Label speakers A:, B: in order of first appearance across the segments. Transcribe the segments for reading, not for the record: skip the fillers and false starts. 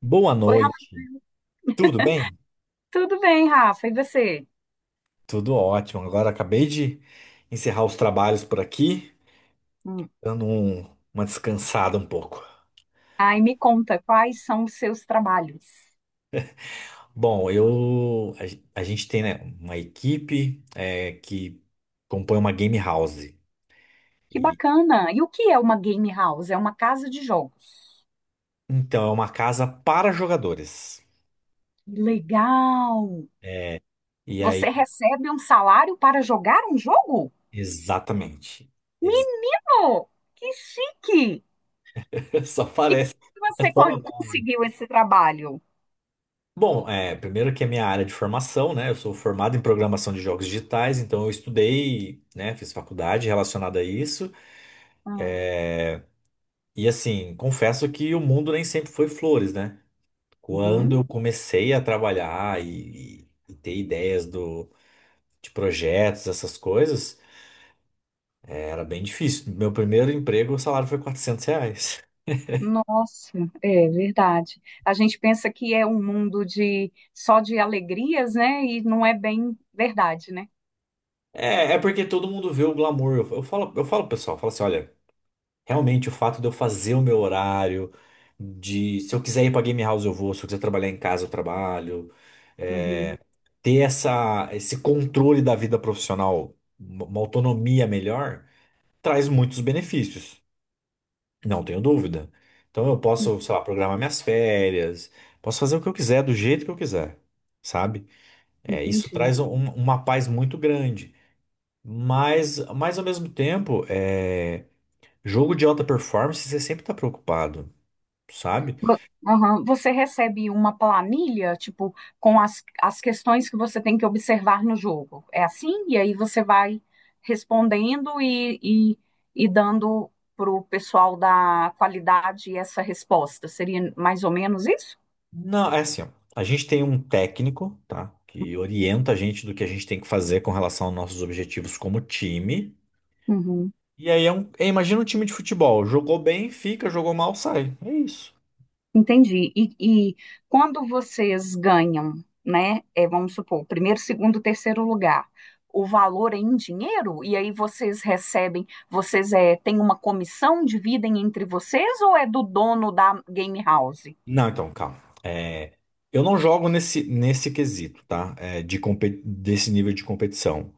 A: Boa
B: Oi, Rafa.
A: noite, tudo bem?
B: Tudo bem, Rafa? E você?
A: Tudo ótimo. Agora acabei de encerrar os trabalhos por aqui,
B: Hum.
A: dando uma descansada um pouco.
B: Ai, me conta, quais são os seus trabalhos?
A: Bom, eu a gente tem, né, uma equipe que compõe uma game house.
B: Que
A: E,
B: bacana! E o que é uma game house? É uma casa de jogos.
A: então é uma casa para jogadores.
B: Legal!
A: É, e
B: Você
A: aí,
B: recebe um salário para jogar um jogo?
A: exatamente. Ex-
B: Menino, que chique!
A: Só
B: E
A: parece.
B: como você conseguiu esse trabalho?
A: Bom, primeiro que é minha área de formação, né? Eu sou formado em programação de jogos digitais, então eu estudei, né? Fiz faculdade relacionada a isso.
B: Ah,
A: E assim, confesso que o mundo nem sempre foi flores, né? Quando
B: uhum.
A: eu comecei a trabalhar e ter ideias de projetos, essas coisas, era bem difícil. Meu primeiro emprego, o salário foi R$ 400.
B: Nossa, é verdade. A gente pensa que é um mundo de só de alegrias, né? E não é bem verdade, né?
A: É porque todo mundo vê o glamour. Eu falo, pro pessoal, eu falo assim, olha. Realmente, o fato de eu fazer o meu horário, de se eu quiser ir pra game house eu vou, se eu quiser trabalhar em casa eu trabalho,
B: Uhum.
A: ter esse controle da vida profissional, uma autonomia melhor, traz muitos benefícios, não tenho dúvida. Então eu posso, sei lá, programar minhas férias, posso fazer o que eu quiser, do jeito que eu quiser, sabe? É, isso
B: Entendi.
A: traz uma paz muito grande. Mas ao mesmo tempo, jogo de alta performance, você sempre está preocupado. Sabe?
B: Vo- aham. Você recebe uma planilha, tipo, com as questões que você tem que observar no jogo. É assim? E aí você vai respondendo e, e dando para o pessoal da qualidade essa resposta. Seria mais ou menos isso?
A: Não, é assim, ó. A gente tem um técnico, tá? Que orienta a gente do que a gente tem que fazer com relação aos nossos objetivos como time. E aí imagina um time de futebol. Jogou bem, fica, jogou mal, sai. É isso.
B: Entendi. E quando vocês ganham, né? Vamos supor, primeiro, segundo, terceiro lugar, o valor é em dinheiro? E aí vocês recebem, vocês têm uma comissão, dividem entre vocês ou é do dono da game house?
A: Não, então, calma. É, Eu não jogo nesse quesito, tá? Desse nível de competição.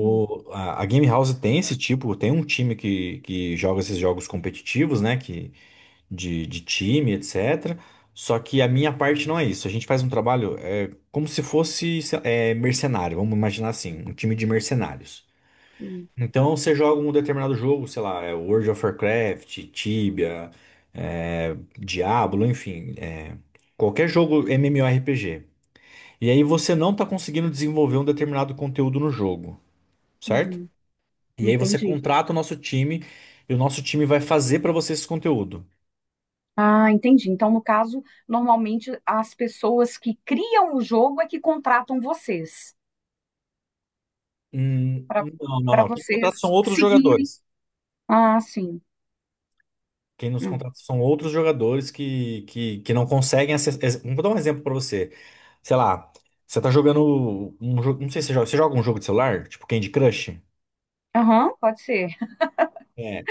B: Hum,
A: a, a Game House tem esse tipo, tem um time que joga esses jogos competitivos, né? Que de time, etc. Só que a minha parte não é isso. A gente faz um trabalho como se fosse mercenário, vamos imaginar assim, um time de mercenários.
B: hum,
A: Então você joga um determinado jogo, sei lá, é World of Warcraft, Tibia, Diablo, enfim, qualquer jogo MMORPG. E aí você não está conseguindo desenvolver um determinado conteúdo no jogo, certo?
B: uhum,
A: E aí você
B: entendi.
A: contrata o nosso time e o nosso time vai fazer para você esse conteúdo.
B: Ah, entendi. Então, no caso, normalmente as pessoas que criam o jogo é que contratam vocês
A: Hum,
B: para
A: não, não,
B: para
A: não. Quem contrata são
B: vocês
A: outros
B: seguirem.
A: jogadores.
B: Ah, sim.
A: Quem nos
B: Hum.
A: contrata são outros jogadores que não conseguem acessar. Vou dar um exemplo pra você. Sei lá, você tá jogando um jogo. Não sei se você joga. Você joga um jogo de celular? Tipo Candy Crush?
B: Aham, pode ser.
A: É.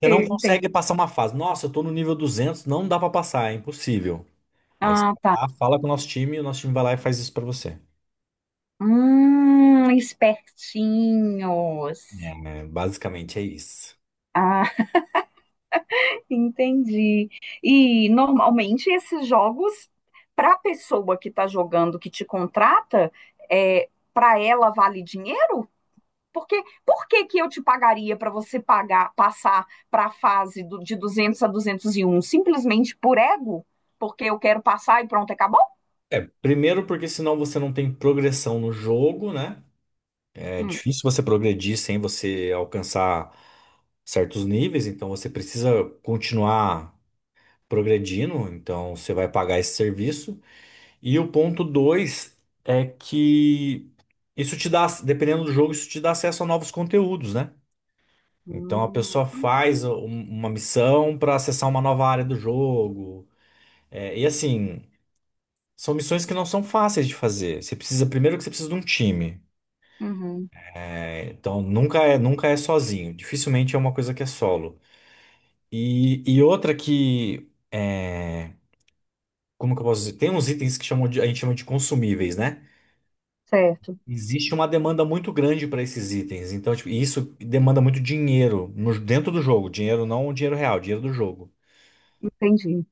A: Você não
B: Eu entendo.
A: consegue passar uma fase. Nossa, eu tô no nível 200, não dá pra passar, é impossível. Aí você
B: Ah, tá.
A: vai lá, fala com o nosso time e o nosso time vai lá e faz isso pra você. É,
B: Espertinhos.
A: né, basicamente é isso.
B: Ah, entendi. E normalmente esses jogos, para a pessoa que está jogando, que te contrata, para ela vale dinheiro? Porque, por que que eu te pagaria para você pagar, passar para a fase de 200 a 201? Simplesmente por ego? Porque eu quero passar e pronto, acabou?
A: Primeiro, porque senão você não tem progressão no jogo, né? É
B: Hum.
A: difícil você progredir sem você alcançar certos níveis, então você precisa continuar progredindo, então você vai pagar esse serviço. E o ponto 2 é que isso te dá, dependendo do jogo, isso te dá acesso a novos conteúdos, né? Então a
B: Hum,
A: pessoa faz uma missão para acessar uma nova área do jogo. E assim, são missões que não são fáceis de fazer. Você precisa, primeiro que você precisa de um time.
B: uhum,
A: Então nunca é sozinho. Dificilmente é uma coisa que é solo. E outra que é, como que eu posso dizer? Tem uns itens a gente chama de consumíveis, né?
B: certo,
A: Existe uma demanda muito grande para esses itens. Então, tipo, e isso demanda muito dinheiro dentro do jogo. Dinheiro não dinheiro real, dinheiro do jogo.
B: entendi.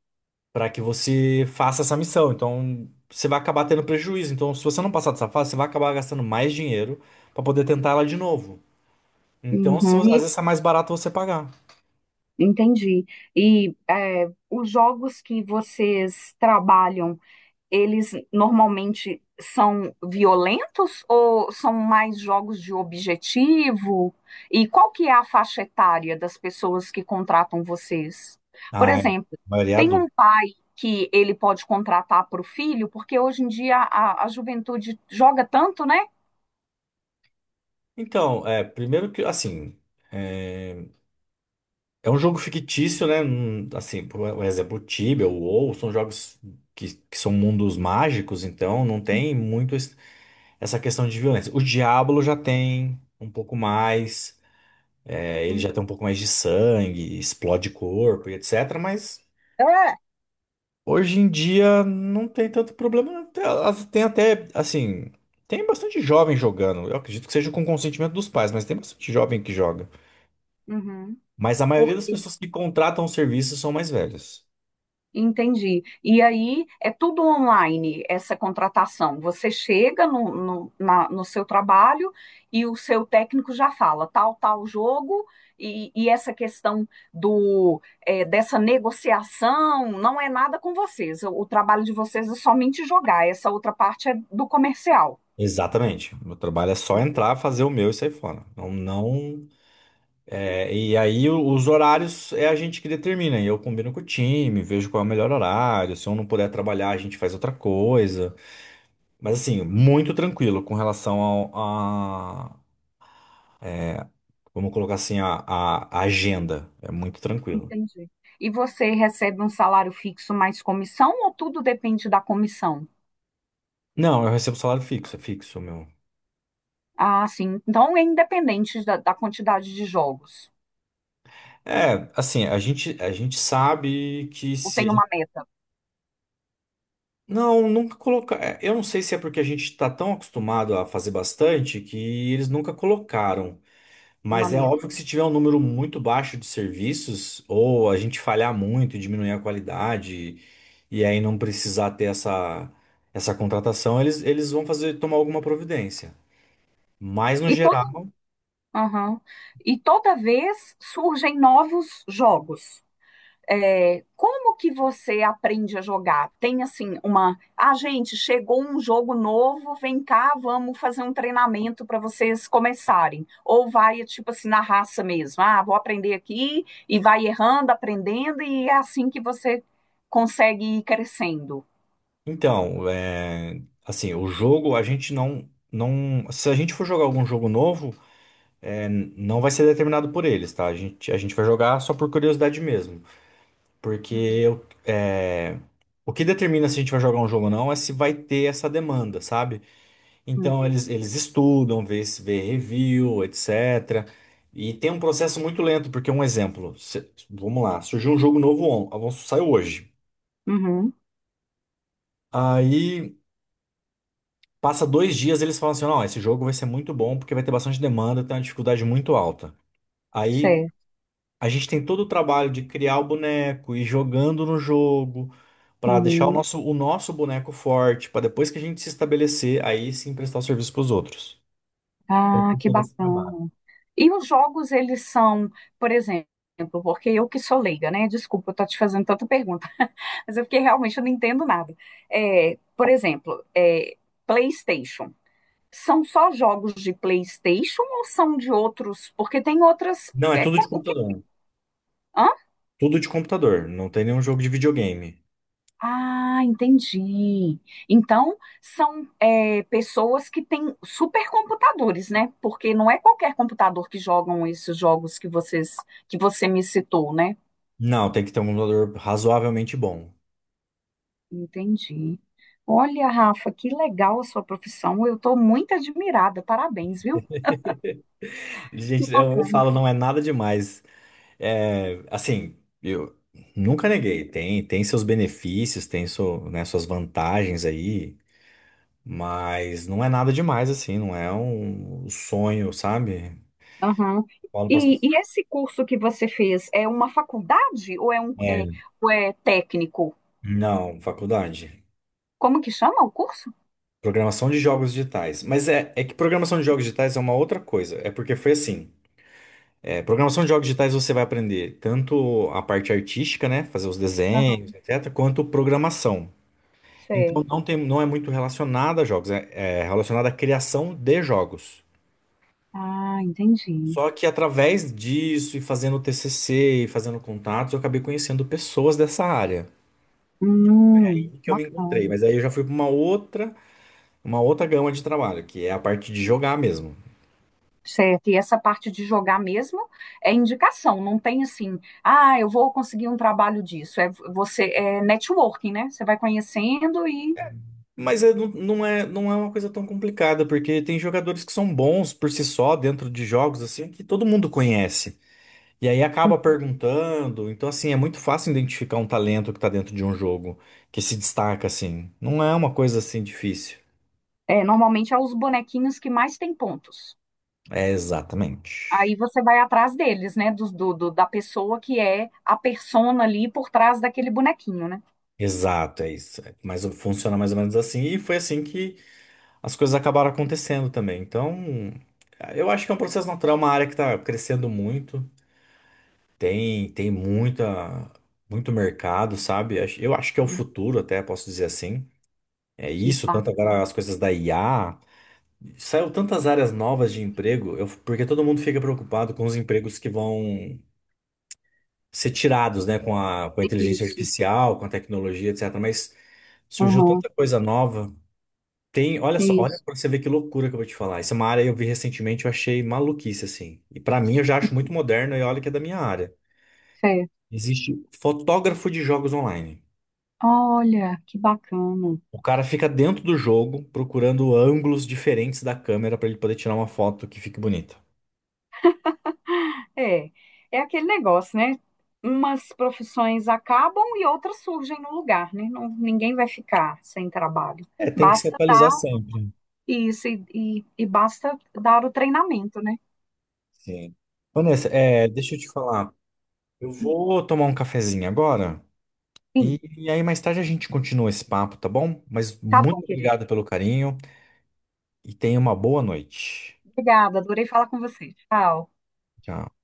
A: Para que você faça essa missão. Então, você vai acabar tendo prejuízo. Então, se você não passar dessa fase, você vai acabar gastando mais dinheiro para poder tentar ela de novo. Então, se,
B: Uhum.
A: às vezes é mais barato você pagar.
B: Entendi. E os jogos que vocês trabalham, eles normalmente são violentos ou são mais jogos de objetivo? E qual que é a faixa etária das pessoas que contratam vocês? Por
A: Ah, é.
B: exemplo,
A: A maioria é
B: tem
A: adulto.
B: um pai que ele pode contratar para o filho, porque hoje em dia a juventude joga tanto, né?
A: Então, primeiro que, assim. é, É um jogo fictício, né? Assim, por exemplo, o Tibia, o WoW, são jogos que são mundos mágicos, então não tem muito essa questão de violência. O Diablo já tem um pouco mais, ele
B: Tem-
A: já tem um pouco mais de sangue, explode corpo e etc. Mas
B: É,
A: hoje em dia não tem tanto problema. Não. Tem até, assim, tem bastante jovem jogando. Eu acredito que seja com consentimento dos pais, mas tem bastante jovem que joga.
B: uhum.
A: Mas a maioria das pessoas que contratam o serviço são mais velhas.
B: Entendi. E aí é tudo online essa contratação. Você chega no seu trabalho e o seu técnico já fala tal, tal jogo, e essa questão do dessa negociação não é nada com vocês. O trabalho de vocês é somente jogar, essa outra parte é do comercial.
A: Exatamente. Meu trabalho é só entrar, fazer o meu e sair fora. Não, não, e aí os horários é a gente que determina. E eu combino com o time, vejo qual é o melhor horário. Se eu não puder trabalhar, a gente faz outra coisa. Mas assim, muito tranquilo com relação a, vamos colocar assim, a agenda. É muito tranquilo.
B: Entendi. E você recebe um salário fixo mais comissão ou tudo depende da comissão?
A: Não, eu recebo salário fixo, é fixo, meu.
B: Ah, sim. Então é independente da quantidade de jogos.
A: Assim, a gente sabe que
B: Eu
A: se,
B: tenho uma meta,
A: não, nunca colocar. Eu não sei se é porque a gente está tão acostumado a fazer bastante que eles nunca colocaram.
B: uma
A: Mas é
B: meta.
A: óbvio que se tiver um número muito baixo de serviços, ou a gente falhar muito e diminuir a qualidade, e aí não precisar ter essa contratação, eles vão fazer tomar alguma providência. Mas no
B: E toda,
A: geral,
B: aham. E toda vez surgem novos jogos. É, como que você aprende a jogar? Tem assim uma, ah, gente, chegou um jogo novo, vem cá, vamos fazer um treinamento para vocês começarem. Ou vai tipo assim na raça mesmo. Ah, vou aprender aqui e vai errando, aprendendo e é assim que você consegue ir crescendo.
A: então, assim, o jogo a gente não, não. Se a gente for jogar algum jogo novo. Não vai ser determinado por eles, tá? A gente vai jogar só por curiosidade mesmo. Porque o que determina se a gente vai jogar um jogo ou não é se vai ter essa demanda, sabe? Então eles estudam, vê, se- vê review, etc. E tem um processo muito lento, porque um exemplo, vamos lá, surgiu um jogo novo, saiu hoje.
B: Uhum,
A: Aí passa 2 dias eles falam assim, não, esse jogo vai ser muito bom porque vai ter bastante demanda, tem uma dificuldade muito alta. Aí
B: sei.
A: a gente tem todo o trabalho de criar o boneco e jogando no jogo para deixar o
B: Uhum.
A: nosso boneco forte, para depois que a gente se estabelecer, aí sim prestar o serviço para os outros.
B: Ah,
A: Com
B: que
A: todo esse trabalho.
B: bacana. E os jogos, eles são, por exemplo, porque eu que sou leiga, né? Desculpa, eu tô te fazendo tanta pergunta, mas é porque realmente eu não entendo nada. Por exemplo, PlayStation. São só jogos de PlayStation ou são de outros? Porque tem outras.
A: Não, é tudo de
B: O que?
A: computador.
B: Hã?
A: Tudo de computador. Não tem nenhum jogo de videogame.
B: Ah, entendi. Então, são pessoas que têm supercomputadores, né? Porque não é qualquer computador que jogam esses jogos que vocês, que você me citou, né?
A: Não, tem que ter um computador razoavelmente bom.
B: Entendi. Olha, Rafa, que legal a sua profissão. Eu estou muito admirada. Parabéns, viu? Que
A: Gente, eu
B: bacana.
A: falo, não é nada demais. É, assim, eu nunca neguei. Tem seus benefícios, tem seu, né, suas vantagens aí. Mas não é nada demais, assim, não é um sonho, sabe?
B: Aham.
A: Falo pras
B: E,
A: pessoas.
B: e esse curso que você fez é uma faculdade ou é
A: É,
B: ou é técnico?
A: não, faculdade.
B: Como que chama o curso?
A: Programação de jogos digitais. Mas é que programação de jogos digitais é uma outra coisa. É porque foi assim. Programação de jogos digitais você vai aprender tanto a parte artística, né? Fazer os desenhos,
B: Aham,
A: etc., quanto programação. Então
B: certo.
A: não tem, não é muito relacionada a jogos, é relacionada à criação de jogos.
B: Ah, entendi.
A: Só que através disso e fazendo TCC e fazendo contatos, eu acabei conhecendo pessoas dessa área. E que eu me encontrei,
B: Bacana.
A: mas aí eu já fui para uma outra gama de trabalho, que é a parte de jogar mesmo.
B: Certo. E essa parte de jogar mesmo é indicação, não tem assim, ah, eu vou conseguir um trabalho disso. É, você é networking, né? Você vai conhecendo e.
A: Mas não, não é uma coisa tão complicada, porque tem jogadores que são bons por si só dentro de jogos assim que todo mundo conhece. E aí acaba perguntando, então assim, é muito fácil identificar um talento que está dentro de um jogo que se destaca assim. Não é uma coisa assim difícil.
B: É, normalmente é os bonequinhos que mais têm pontos.
A: É exatamente.
B: Aí você vai atrás deles, né? Da pessoa que é a persona ali por trás daquele bonequinho, né?
A: Exato, é isso. É, mas funciona mais ou menos assim. E foi assim que as coisas acabaram acontecendo também. Então, eu acho que é um processo natural, é uma área que está crescendo muito. Tem muita, muito mercado, sabe? Eu acho que é o futuro, até posso dizer assim. É
B: Que
A: isso, tanto
B: bacana.
A: agora as coisas da IA. Saiu tantas áreas novas de emprego, porque todo mundo fica preocupado com os empregos que vão ser tirados, né? Com a inteligência
B: Isso.
A: artificial, com a tecnologia, etc. Mas surgiu
B: Aham.
A: tanta coisa nova. Tem, olha só, olha
B: Isso.
A: pra você ver que loucura que eu vou te falar. Essa é uma área que eu vi recentemente, eu achei maluquice, assim. E pra mim eu já acho muito moderno e olha que é da minha área.
B: Certo.
A: Existe fotógrafo de jogos online.
B: Olha, que bacana.
A: O cara fica dentro do jogo procurando ângulos diferentes da câmera pra ele poder tirar uma foto que fique bonita.
B: É, é aquele negócio, né? Umas profissões acabam e outras surgem no lugar, né? Ninguém vai ficar sem trabalho.
A: É, tem que se
B: Basta
A: atualizar
B: dar
A: sempre.
B: isso e basta dar o treinamento, né?
A: Sim. Vanessa, deixa eu te falar. Eu vou tomar um cafezinho agora
B: Sim,
A: e aí mais tarde a gente continua esse papo, tá bom? Mas
B: tá bom,
A: muito
B: querido.
A: obrigado pelo carinho e tenha uma boa noite.
B: Obrigada, adorei falar com você. Tchau.
A: Tchau.